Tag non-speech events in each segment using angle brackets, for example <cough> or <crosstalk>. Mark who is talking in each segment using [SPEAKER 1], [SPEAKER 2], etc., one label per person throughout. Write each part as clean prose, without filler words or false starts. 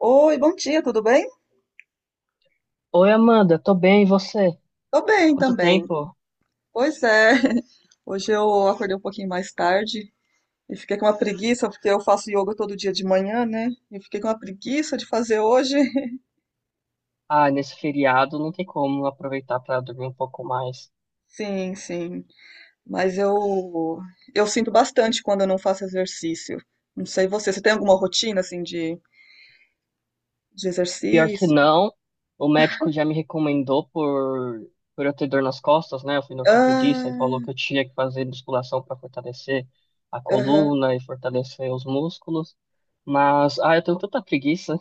[SPEAKER 1] Oi, bom dia, tudo bem?
[SPEAKER 2] Oi, Amanda, tô bem, e você?
[SPEAKER 1] Tô bem
[SPEAKER 2] Quanto
[SPEAKER 1] também.
[SPEAKER 2] tempo?
[SPEAKER 1] Pois é, <laughs> hoje eu acordei um pouquinho mais tarde e fiquei com uma preguiça, porque eu faço yoga todo dia de manhã, né? E fiquei com uma preguiça de fazer hoje. <laughs>
[SPEAKER 2] Ah, nesse feriado não tem como aproveitar pra dormir um pouco mais.
[SPEAKER 1] Sim, sim. Mas eu sinto bastante quando eu não faço exercício. Não sei você, você tem alguma rotina assim de
[SPEAKER 2] Pior que
[SPEAKER 1] exercício?
[SPEAKER 2] não, o médico já me recomendou por eu ter dor nas costas, né? Eu fui no ortopedista e falou
[SPEAKER 1] Ah,
[SPEAKER 2] que eu tinha que fazer musculação pra fortalecer a
[SPEAKER 1] aham.
[SPEAKER 2] coluna e fortalecer os músculos. Mas, eu tenho tanta preguiça.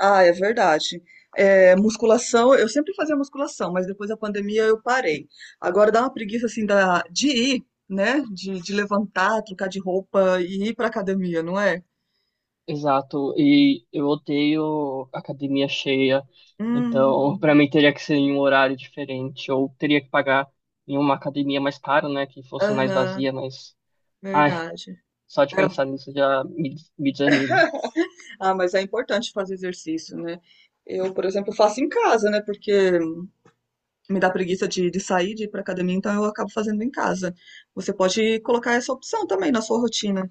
[SPEAKER 1] Ah, é verdade. É, musculação, eu sempre fazia musculação, mas depois da pandemia eu parei. Agora dá uma preguiça assim da, de ir, né? De levantar, trocar de roupa e ir pra academia, não é?
[SPEAKER 2] Exato, e eu odeio academia cheia, então <laughs> para
[SPEAKER 1] Hum,
[SPEAKER 2] mim teria que ser em um horário diferente, ou teria que pagar em uma academia mais cara, né, que fosse mais
[SPEAKER 1] aham,
[SPEAKER 2] vazia, mas, ai,
[SPEAKER 1] verdade.
[SPEAKER 2] só de pensar
[SPEAKER 1] É,
[SPEAKER 2] nisso já me desanimo.
[SPEAKER 1] ah, mas é importante fazer exercício, né? Eu, por exemplo, faço em casa, né? Porque me dá preguiça de sair, de ir pra academia, então eu acabo fazendo em casa. Você pode colocar essa opção também na sua rotina.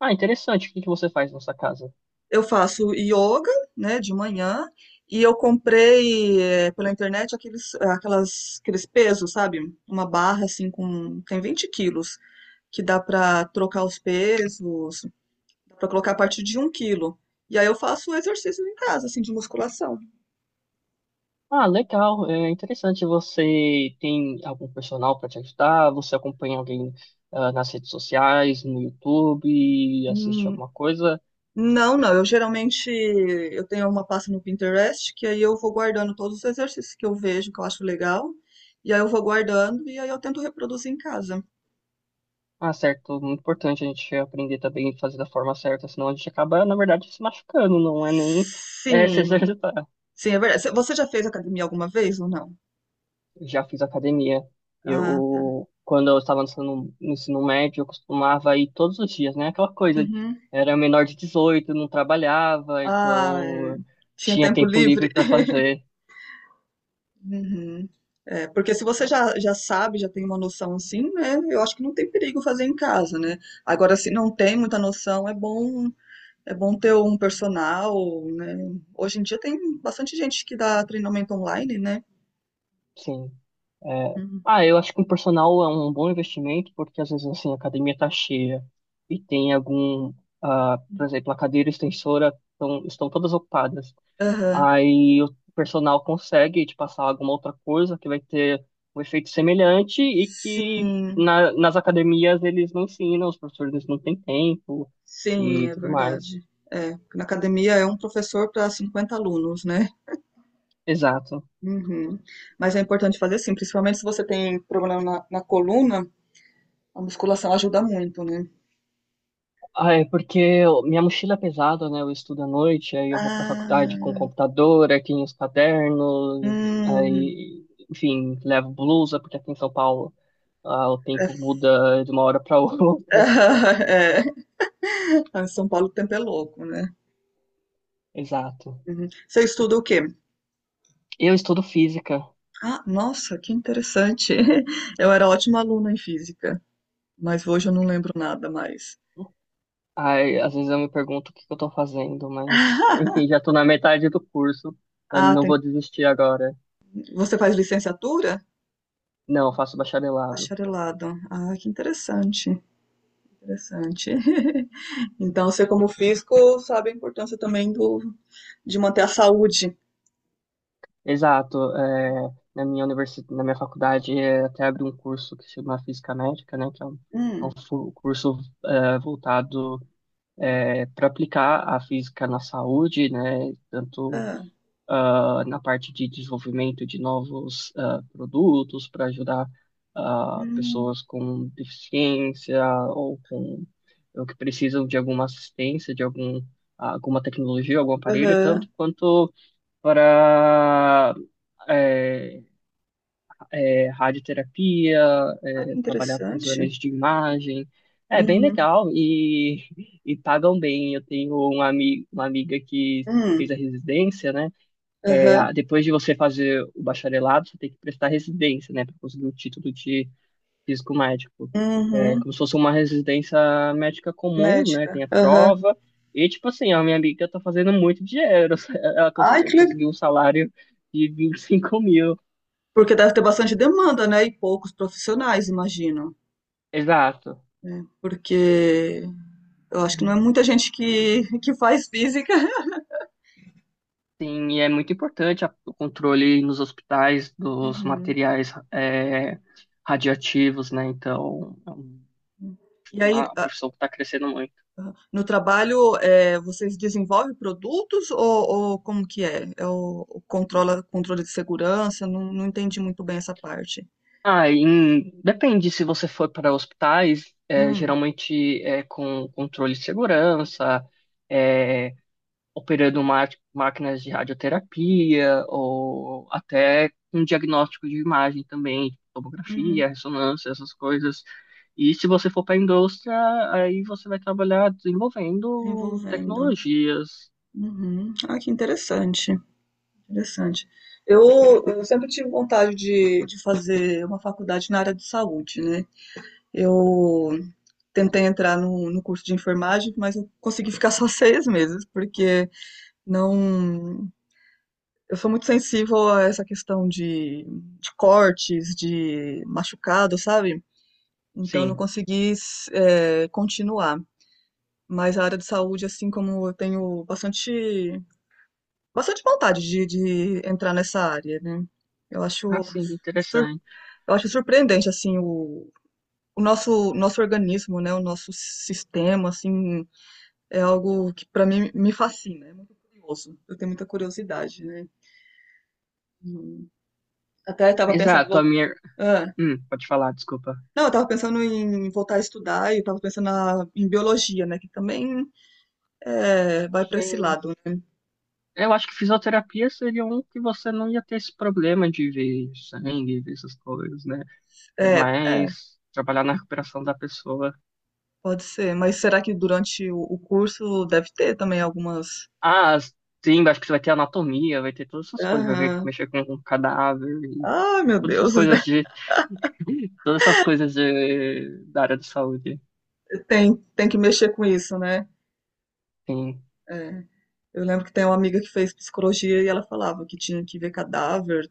[SPEAKER 2] Ah, interessante, o que que você faz na sua casa?
[SPEAKER 1] Eu faço yoga, né, de manhã, e eu comprei pela internet aqueles pesos, sabe? Uma barra assim com, tem 20 quilos, que dá pra trocar os pesos, dá pra colocar a partir de 1 quilo. E aí eu faço exercícios em casa, assim, de musculação.
[SPEAKER 2] Ah, legal, é interessante, você tem algum personal para te ajudar, você acompanha alguém nas redes sociais, no YouTube, assiste
[SPEAKER 1] Hum,
[SPEAKER 2] alguma coisa?
[SPEAKER 1] não, não, eu geralmente, eu tenho uma pasta no Pinterest, que aí eu vou guardando todos os exercícios que eu vejo, que eu acho legal, e aí eu vou guardando, e aí eu tento reproduzir em casa.
[SPEAKER 2] Ah, certo. Muito importante a gente aprender também a fazer da forma certa, senão a gente acaba, na verdade, se machucando, não é nem <laughs> se
[SPEAKER 1] Sim,
[SPEAKER 2] exercitar.
[SPEAKER 1] sim, é verdade. Você já fez academia alguma vez ou não?
[SPEAKER 2] Já fiz academia.
[SPEAKER 1] Ah,
[SPEAKER 2] Eu, quando eu estava no ensino médio, eu costumava ir todos os dias, né? Aquela coisa,
[SPEAKER 1] uhum,
[SPEAKER 2] era menor de 18, não trabalhava,
[SPEAKER 1] ah, é,
[SPEAKER 2] então
[SPEAKER 1] tinha
[SPEAKER 2] tinha
[SPEAKER 1] tempo
[SPEAKER 2] tempo
[SPEAKER 1] livre.
[SPEAKER 2] livre para
[SPEAKER 1] <laughs>
[SPEAKER 2] fazer.
[SPEAKER 1] Uhum. É, porque se você já sabe, já tem uma noção assim, né? Eu acho que não tem perigo fazer em casa, né? Agora, se não tem muita noção, é bom ter um personal, né? Hoje em dia tem bastante gente que dá treinamento online, né?
[SPEAKER 2] Sim.
[SPEAKER 1] Uhum.
[SPEAKER 2] Eu acho que um personal é um bom investimento, porque às vezes assim, a academia tá cheia e tem algum, por exemplo, a cadeira extensora estão todas ocupadas.
[SPEAKER 1] Aham.
[SPEAKER 2] Aí o personal consegue te passar alguma outra coisa que vai ter um efeito semelhante e que
[SPEAKER 1] Sim,
[SPEAKER 2] nas academias eles não ensinam, os professores não têm tempo
[SPEAKER 1] sim,
[SPEAKER 2] e
[SPEAKER 1] é
[SPEAKER 2] tudo mais.
[SPEAKER 1] verdade. É, na academia é um professor para 50 alunos, né?
[SPEAKER 2] Exato.
[SPEAKER 1] Uhum. Mas é importante fazer assim, principalmente se você tem problema na coluna, a musculação ajuda muito, né?
[SPEAKER 2] Ah, é porque minha mochila é pesada, né? Eu estudo à noite, aí eu vou pra faculdade com
[SPEAKER 1] Ah,
[SPEAKER 2] computador, aí tem os cadernos,
[SPEAKER 1] hum,
[SPEAKER 2] aí, enfim, levo blusa, porque aqui em São Paulo, o
[SPEAKER 1] é,
[SPEAKER 2] tempo muda de uma hora pra <laughs> outra.
[SPEAKER 1] <laughs> é. Ah, São Paulo o tempo é louco, né?
[SPEAKER 2] Exato.
[SPEAKER 1] Uhum. Você estuda o quê?
[SPEAKER 2] Eu estudo física,
[SPEAKER 1] Ah, nossa, que interessante. <laughs> Eu era ótima aluna em física, mas hoje eu não lembro nada mais.
[SPEAKER 2] aí às vezes eu me pergunto o que que eu tô fazendo, mas,
[SPEAKER 1] <laughs>
[SPEAKER 2] enfim, já tô na metade do curso, eu
[SPEAKER 1] Ah,
[SPEAKER 2] não vou desistir agora.
[SPEAKER 1] você faz licenciatura?
[SPEAKER 2] Não, eu faço bacharelado.
[SPEAKER 1] Bacharelado. Ah, que interessante, interessante. <laughs> Então, você como físico sabe a importância também do de manter a saúde.
[SPEAKER 2] Exato. Na minha universidade, até abri um curso que se chama Física Médica, né, que é um
[SPEAKER 1] Hum.
[SPEAKER 2] curso voltado para aplicar a física na saúde, né, tanto
[SPEAKER 1] Hã.
[SPEAKER 2] na parte de desenvolvimento de novos produtos para ajudar
[SPEAKER 1] Hum.
[SPEAKER 2] pessoas com deficiência ou com ou que precisam de alguma assistência, de alguma tecnologia, algum aparelho, tanto
[SPEAKER 1] Aham.
[SPEAKER 2] quanto para é, radioterapia,
[SPEAKER 1] Ah, que
[SPEAKER 2] trabalhar com
[SPEAKER 1] interessante.
[SPEAKER 2] exames de imagem. É bem
[SPEAKER 1] Uhum.
[SPEAKER 2] legal e pagam bem. Eu tenho uma amiga que fez a
[SPEAKER 1] Hum.
[SPEAKER 2] residência, né?
[SPEAKER 1] Aham.
[SPEAKER 2] Depois de você fazer o bacharelado, você tem que prestar residência, né? Para conseguir o título de físico médico. É
[SPEAKER 1] Uhum.
[SPEAKER 2] como se fosse uma residência médica comum, né?
[SPEAKER 1] Médica.
[SPEAKER 2] Tem a
[SPEAKER 1] Aham.
[SPEAKER 2] prova. E, tipo assim, a minha amiga tá fazendo muito dinheiro. <laughs> Ela
[SPEAKER 1] Ai, que le
[SPEAKER 2] conseguiu um salário de 25 mil.
[SPEAKER 1] porque deve ter bastante demanda, né, e poucos profissionais, imagino,
[SPEAKER 2] Exato.
[SPEAKER 1] né, porque eu acho que não é muita gente que faz física. <laughs>
[SPEAKER 2] Sim, e é muito importante o controle nos hospitais dos
[SPEAKER 1] Uhum.
[SPEAKER 2] materiais radioativos, né? Então, é
[SPEAKER 1] E aí
[SPEAKER 2] uma profissão que está crescendo muito.
[SPEAKER 1] no trabalho, vocês desenvolvem produtos ou como que é? É o controle de segurança? Não, não entendi muito bem essa parte.
[SPEAKER 2] Ah, depende se você for para hospitais,
[SPEAKER 1] Hum,
[SPEAKER 2] geralmente é com controle de segurança, é, operando máquinas de radioterapia ou até um diagnóstico de imagem também, tipo tomografia,
[SPEAKER 1] uhum,
[SPEAKER 2] ressonância, essas coisas. E se você for para a indústria, aí você vai trabalhar desenvolvendo
[SPEAKER 1] envolvendo.
[SPEAKER 2] tecnologias.
[SPEAKER 1] Uhum. Ah, que interessante, interessante. Eu sempre tive vontade de fazer uma faculdade na área de saúde, né? Eu tentei entrar no curso de enfermagem, mas eu consegui ficar <laughs> só 6 meses, porque não. Eu sou muito sensível a essa questão de cortes, de machucado, sabe? Então eu não
[SPEAKER 2] Sim.
[SPEAKER 1] consegui continuar. Mas a área de saúde, assim como eu tenho bastante, bastante vontade de entrar nessa área, né? Eu
[SPEAKER 2] Ah,
[SPEAKER 1] acho,
[SPEAKER 2] sim,
[SPEAKER 1] sur-
[SPEAKER 2] interessante.
[SPEAKER 1] eu acho surpreendente, assim, o nosso organismo, né? O nosso sistema, assim, é algo que para mim me fascina. É muito curioso. Eu tenho muita curiosidade, né? E Até estava pensando em
[SPEAKER 2] Exato, a
[SPEAKER 1] voltar.
[SPEAKER 2] minha.
[SPEAKER 1] Ah.
[SPEAKER 2] Pode falar, desculpa.
[SPEAKER 1] Não, eu tava pensando em voltar a estudar e eu tava pensando em biologia, né? Que também vai para esse lado, né?
[SPEAKER 2] Eu acho que fisioterapia seria um que você não ia ter esse problema de ver sangue, ver essas coisas, né? É
[SPEAKER 1] É, é,
[SPEAKER 2] mais trabalhar na recuperação da pessoa.
[SPEAKER 1] pode ser. Mas será que durante o curso deve ter também algumas.
[SPEAKER 2] Ah, sim, acho que você vai ter anatomia, vai ter todas essas coisas, vai ver
[SPEAKER 1] Aham.
[SPEAKER 2] mexer com um cadáver e
[SPEAKER 1] Ah, meu
[SPEAKER 2] todas essas
[SPEAKER 1] Deus,
[SPEAKER 2] coisas
[SPEAKER 1] <laughs>
[SPEAKER 2] de <laughs> todas essas coisas de, da área de saúde.
[SPEAKER 1] tem que mexer com isso, né?
[SPEAKER 2] Sim.
[SPEAKER 1] É. Eu lembro que tem uma amiga que fez psicologia e ela falava que tinha que ver cadáver.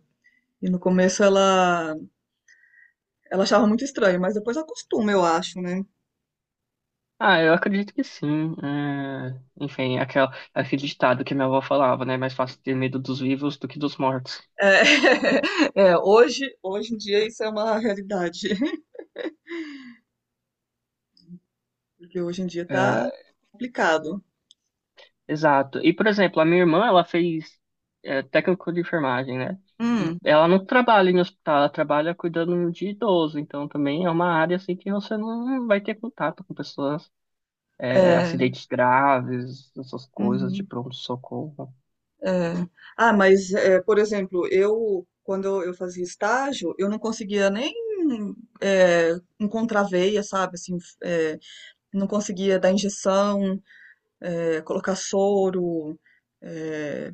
[SPEAKER 1] E no começo ela achava muito estranho, mas depois acostuma, eu acho, né?
[SPEAKER 2] Ah, eu acredito que sim. É, enfim, aquele ditado que minha avó falava, né? Mais fácil ter medo dos vivos do que dos mortos.
[SPEAKER 1] É, <laughs> é, hoje em dia isso é uma realidade, <laughs> porque hoje em dia tá
[SPEAKER 2] É,
[SPEAKER 1] complicado.
[SPEAKER 2] Exato. E, por exemplo, a minha irmã, ela fez técnico de enfermagem, né? E
[SPEAKER 1] Hum,
[SPEAKER 2] ela não trabalha em hospital, ela trabalha cuidando de idoso. Então, também é uma área, assim, que você não vai ter contato com pessoas,
[SPEAKER 1] é,
[SPEAKER 2] acidentes graves, essas coisas de
[SPEAKER 1] uhum,
[SPEAKER 2] pronto-socorro.
[SPEAKER 1] é. Ah, mas, é, por exemplo, eu, quando eu fazia estágio, eu não conseguia nem é, encontrar veia, sabe? Assim, é, não conseguia dar injeção, colocar soro, é,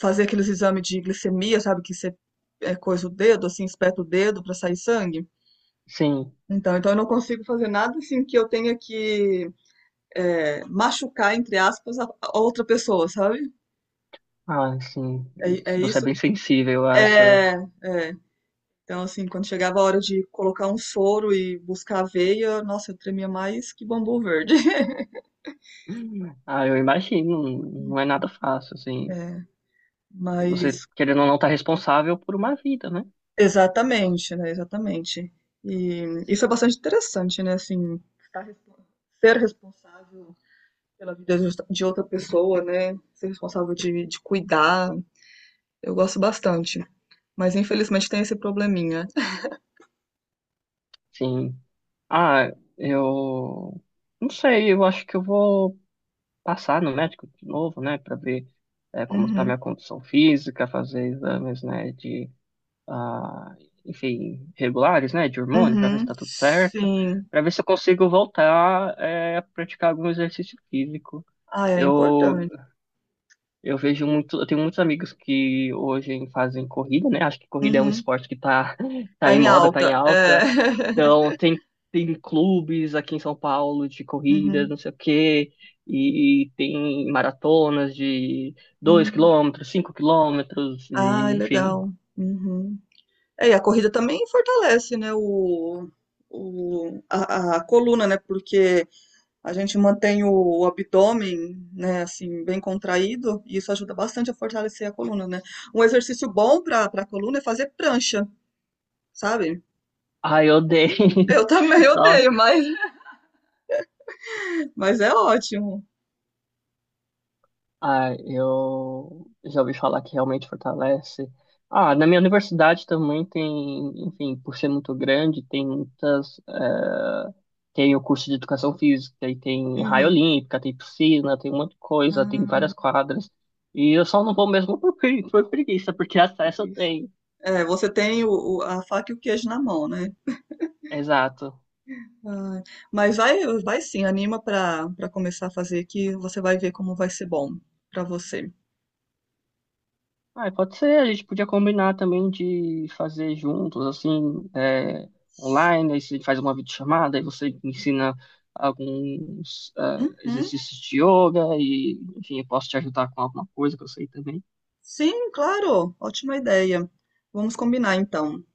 [SPEAKER 1] fazer aqueles exames de glicemia, sabe? Que você coisa o dedo, assim, espeta o dedo para sair sangue.
[SPEAKER 2] Sim.
[SPEAKER 1] Então eu não consigo fazer nada assim que eu tenha que machucar, entre aspas, a outra pessoa, sabe?
[SPEAKER 2] Ah, sim.
[SPEAKER 1] É, é
[SPEAKER 2] Você é
[SPEAKER 1] isso
[SPEAKER 2] bem
[SPEAKER 1] que.
[SPEAKER 2] sensível a essa...
[SPEAKER 1] É, é. Então, assim, quando chegava a hora de colocar um soro e buscar a veia, nossa, eu tremia mais que bambu verde. <laughs>
[SPEAKER 2] Ah, eu imagino. Não é nada fácil, assim.
[SPEAKER 1] É, mas.
[SPEAKER 2] Você, querendo ou não, tá responsável por uma vida, né?
[SPEAKER 1] Exatamente, né? Exatamente. E isso é bastante interessante, né? Assim, ser responsável pela vida de outra pessoa, né? Ser responsável de cuidar. Eu gosto bastante. Mas infelizmente tem esse probleminha.
[SPEAKER 2] Sim. Ah, eu não sei, eu acho que eu vou passar no médico de novo, né, para ver como está
[SPEAKER 1] Uhum.
[SPEAKER 2] minha condição física, fazer exames, né, de, ah, enfim, regulares, né, de hormônio, para ver se
[SPEAKER 1] Uhum.
[SPEAKER 2] está tudo certo,
[SPEAKER 1] Sim.
[SPEAKER 2] para ver se eu consigo voltar a praticar algum exercício físico.
[SPEAKER 1] Ah, é
[SPEAKER 2] Eu
[SPEAKER 1] importante.
[SPEAKER 2] eu vejo muito, eu tenho muitos amigos que hoje fazem corrida, né? Acho que corrida é um
[SPEAKER 1] Uhum.
[SPEAKER 2] esporte que tá, <laughs> tá
[SPEAKER 1] Tá
[SPEAKER 2] em
[SPEAKER 1] em
[SPEAKER 2] moda, tá em
[SPEAKER 1] alta. É.
[SPEAKER 2] alta. Então,
[SPEAKER 1] <laughs>
[SPEAKER 2] tem clubes aqui em São Paulo de corrida não
[SPEAKER 1] Uhum.
[SPEAKER 2] sei o quê, e tem maratonas de dois
[SPEAKER 1] Uhum.
[SPEAKER 2] quilômetros, 5 km,
[SPEAKER 1] Ah, é
[SPEAKER 2] e, enfim.
[SPEAKER 1] legal. Uhum. É, e a corrida também fortalece, né, a coluna, né, porque a gente mantém o abdômen, né, assim, bem contraído, e isso ajuda bastante a fortalecer a coluna, né. Um exercício bom para a coluna é fazer prancha, sabe?
[SPEAKER 2] Ai, eu odeio.
[SPEAKER 1] Eu
[SPEAKER 2] <laughs>
[SPEAKER 1] também odeio,
[SPEAKER 2] Nossa,
[SPEAKER 1] mas é ótimo.
[SPEAKER 2] ah, eu já ouvi falar que realmente fortalece. Ah, na minha universidade também tem, enfim, por ser muito grande, tem muitas. Tem o curso de educação física, e tem raia
[SPEAKER 1] Uhum.
[SPEAKER 2] olímpica, tem piscina, tem um monte de coisa, tem várias
[SPEAKER 1] Ah,
[SPEAKER 2] quadras. E eu só não vou mesmo <laughs> por preguiça, porque acesso
[SPEAKER 1] que é
[SPEAKER 2] eu
[SPEAKER 1] isso?
[SPEAKER 2] tenho.
[SPEAKER 1] É, você tem a faca e o queijo na mão, né?
[SPEAKER 2] Exato.
[SPEAKER 1] Ai, mas vai, vai sim, anima pra para começar a fazer que você vai ver como vai ser bom pra você.
[SPEAKER 2] Ah, pode ser, a gente podia combinar também de fazer juntos, assim, online, aí você faz uma videochamada, aí você me ensina alguns
[SPEAKER 1] Uhum.
[SPEAKER 2] exercícios de yoga e, enfim, eu posso te ajudar com alguma coisa que eu sei também.
[SPEAKER 1] Sim, claro, ótima ideia. Vamos combinar então.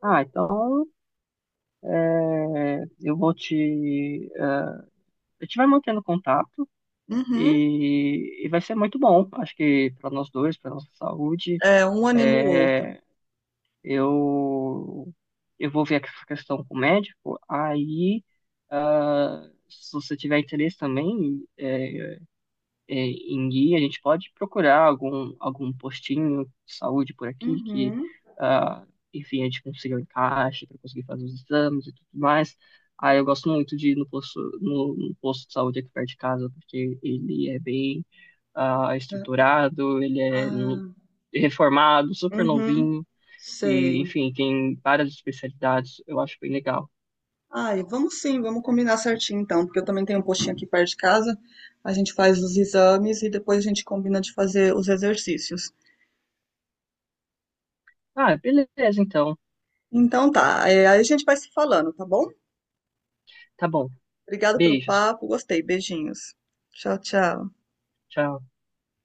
[SPEAKER 2] Ah, então, é, eu vou te... ah, a gente vai mantendo contato
[SPEAKER 1] Uhum.
[SPEAKER 2] e vai ser muito bom, acho que para nós dois, para nossa saúde,
[SPEAKER 1] É, um anima o outro.
[SPEAKER 2] é, eu, eu vou ver essa questão com o médico, aí, se você tiver interesse também em guia, a gente pode procurar algum postinho de saúde por aqui que,
[SPEAKER 1] Uhum.
[SPEAKER 2] ah, enfim, a gente consiga um encaixe para conseguir fazer os exames e tudo mais. Aí eu gosto muito de ir no posto de saúde aqui perto de casa, porque ele é bem
[SPEAKER 1] É.
[SPEAKER 2] estruturado, ele é
[SPEAKER 1] Ah,
[SPEAKER 2] reformado, super
[SPEAKER 1] uhum.
[SPEAKER 2] novinho. E,
[SPEAKER 1] Sei.
[SPEAKER 2] enfim, tem várias especialidades. Eu acho bem legal.
[SPEAKER 1] Ai, vamos sim, vamos combinar certinho então, porque eu também tenho um postinho aqui perto de casa. A gente faz os exames e depois a gente combina de fazer os exercícios.
[SPEAKER 2] Ah, beleza, então.
[SPEAKER 1] Então tá, é, aí a gente vai se falando, tá bom?
[SPEAKER 2] Tá bom.
[SPEAKER 1] Obrigada pelo
[SPEAKER 2] Beijos.
[SPEAKER 1] papo, gostei, beijinhos. Tchau, tchau.
[SPEAKER 2] Tchau.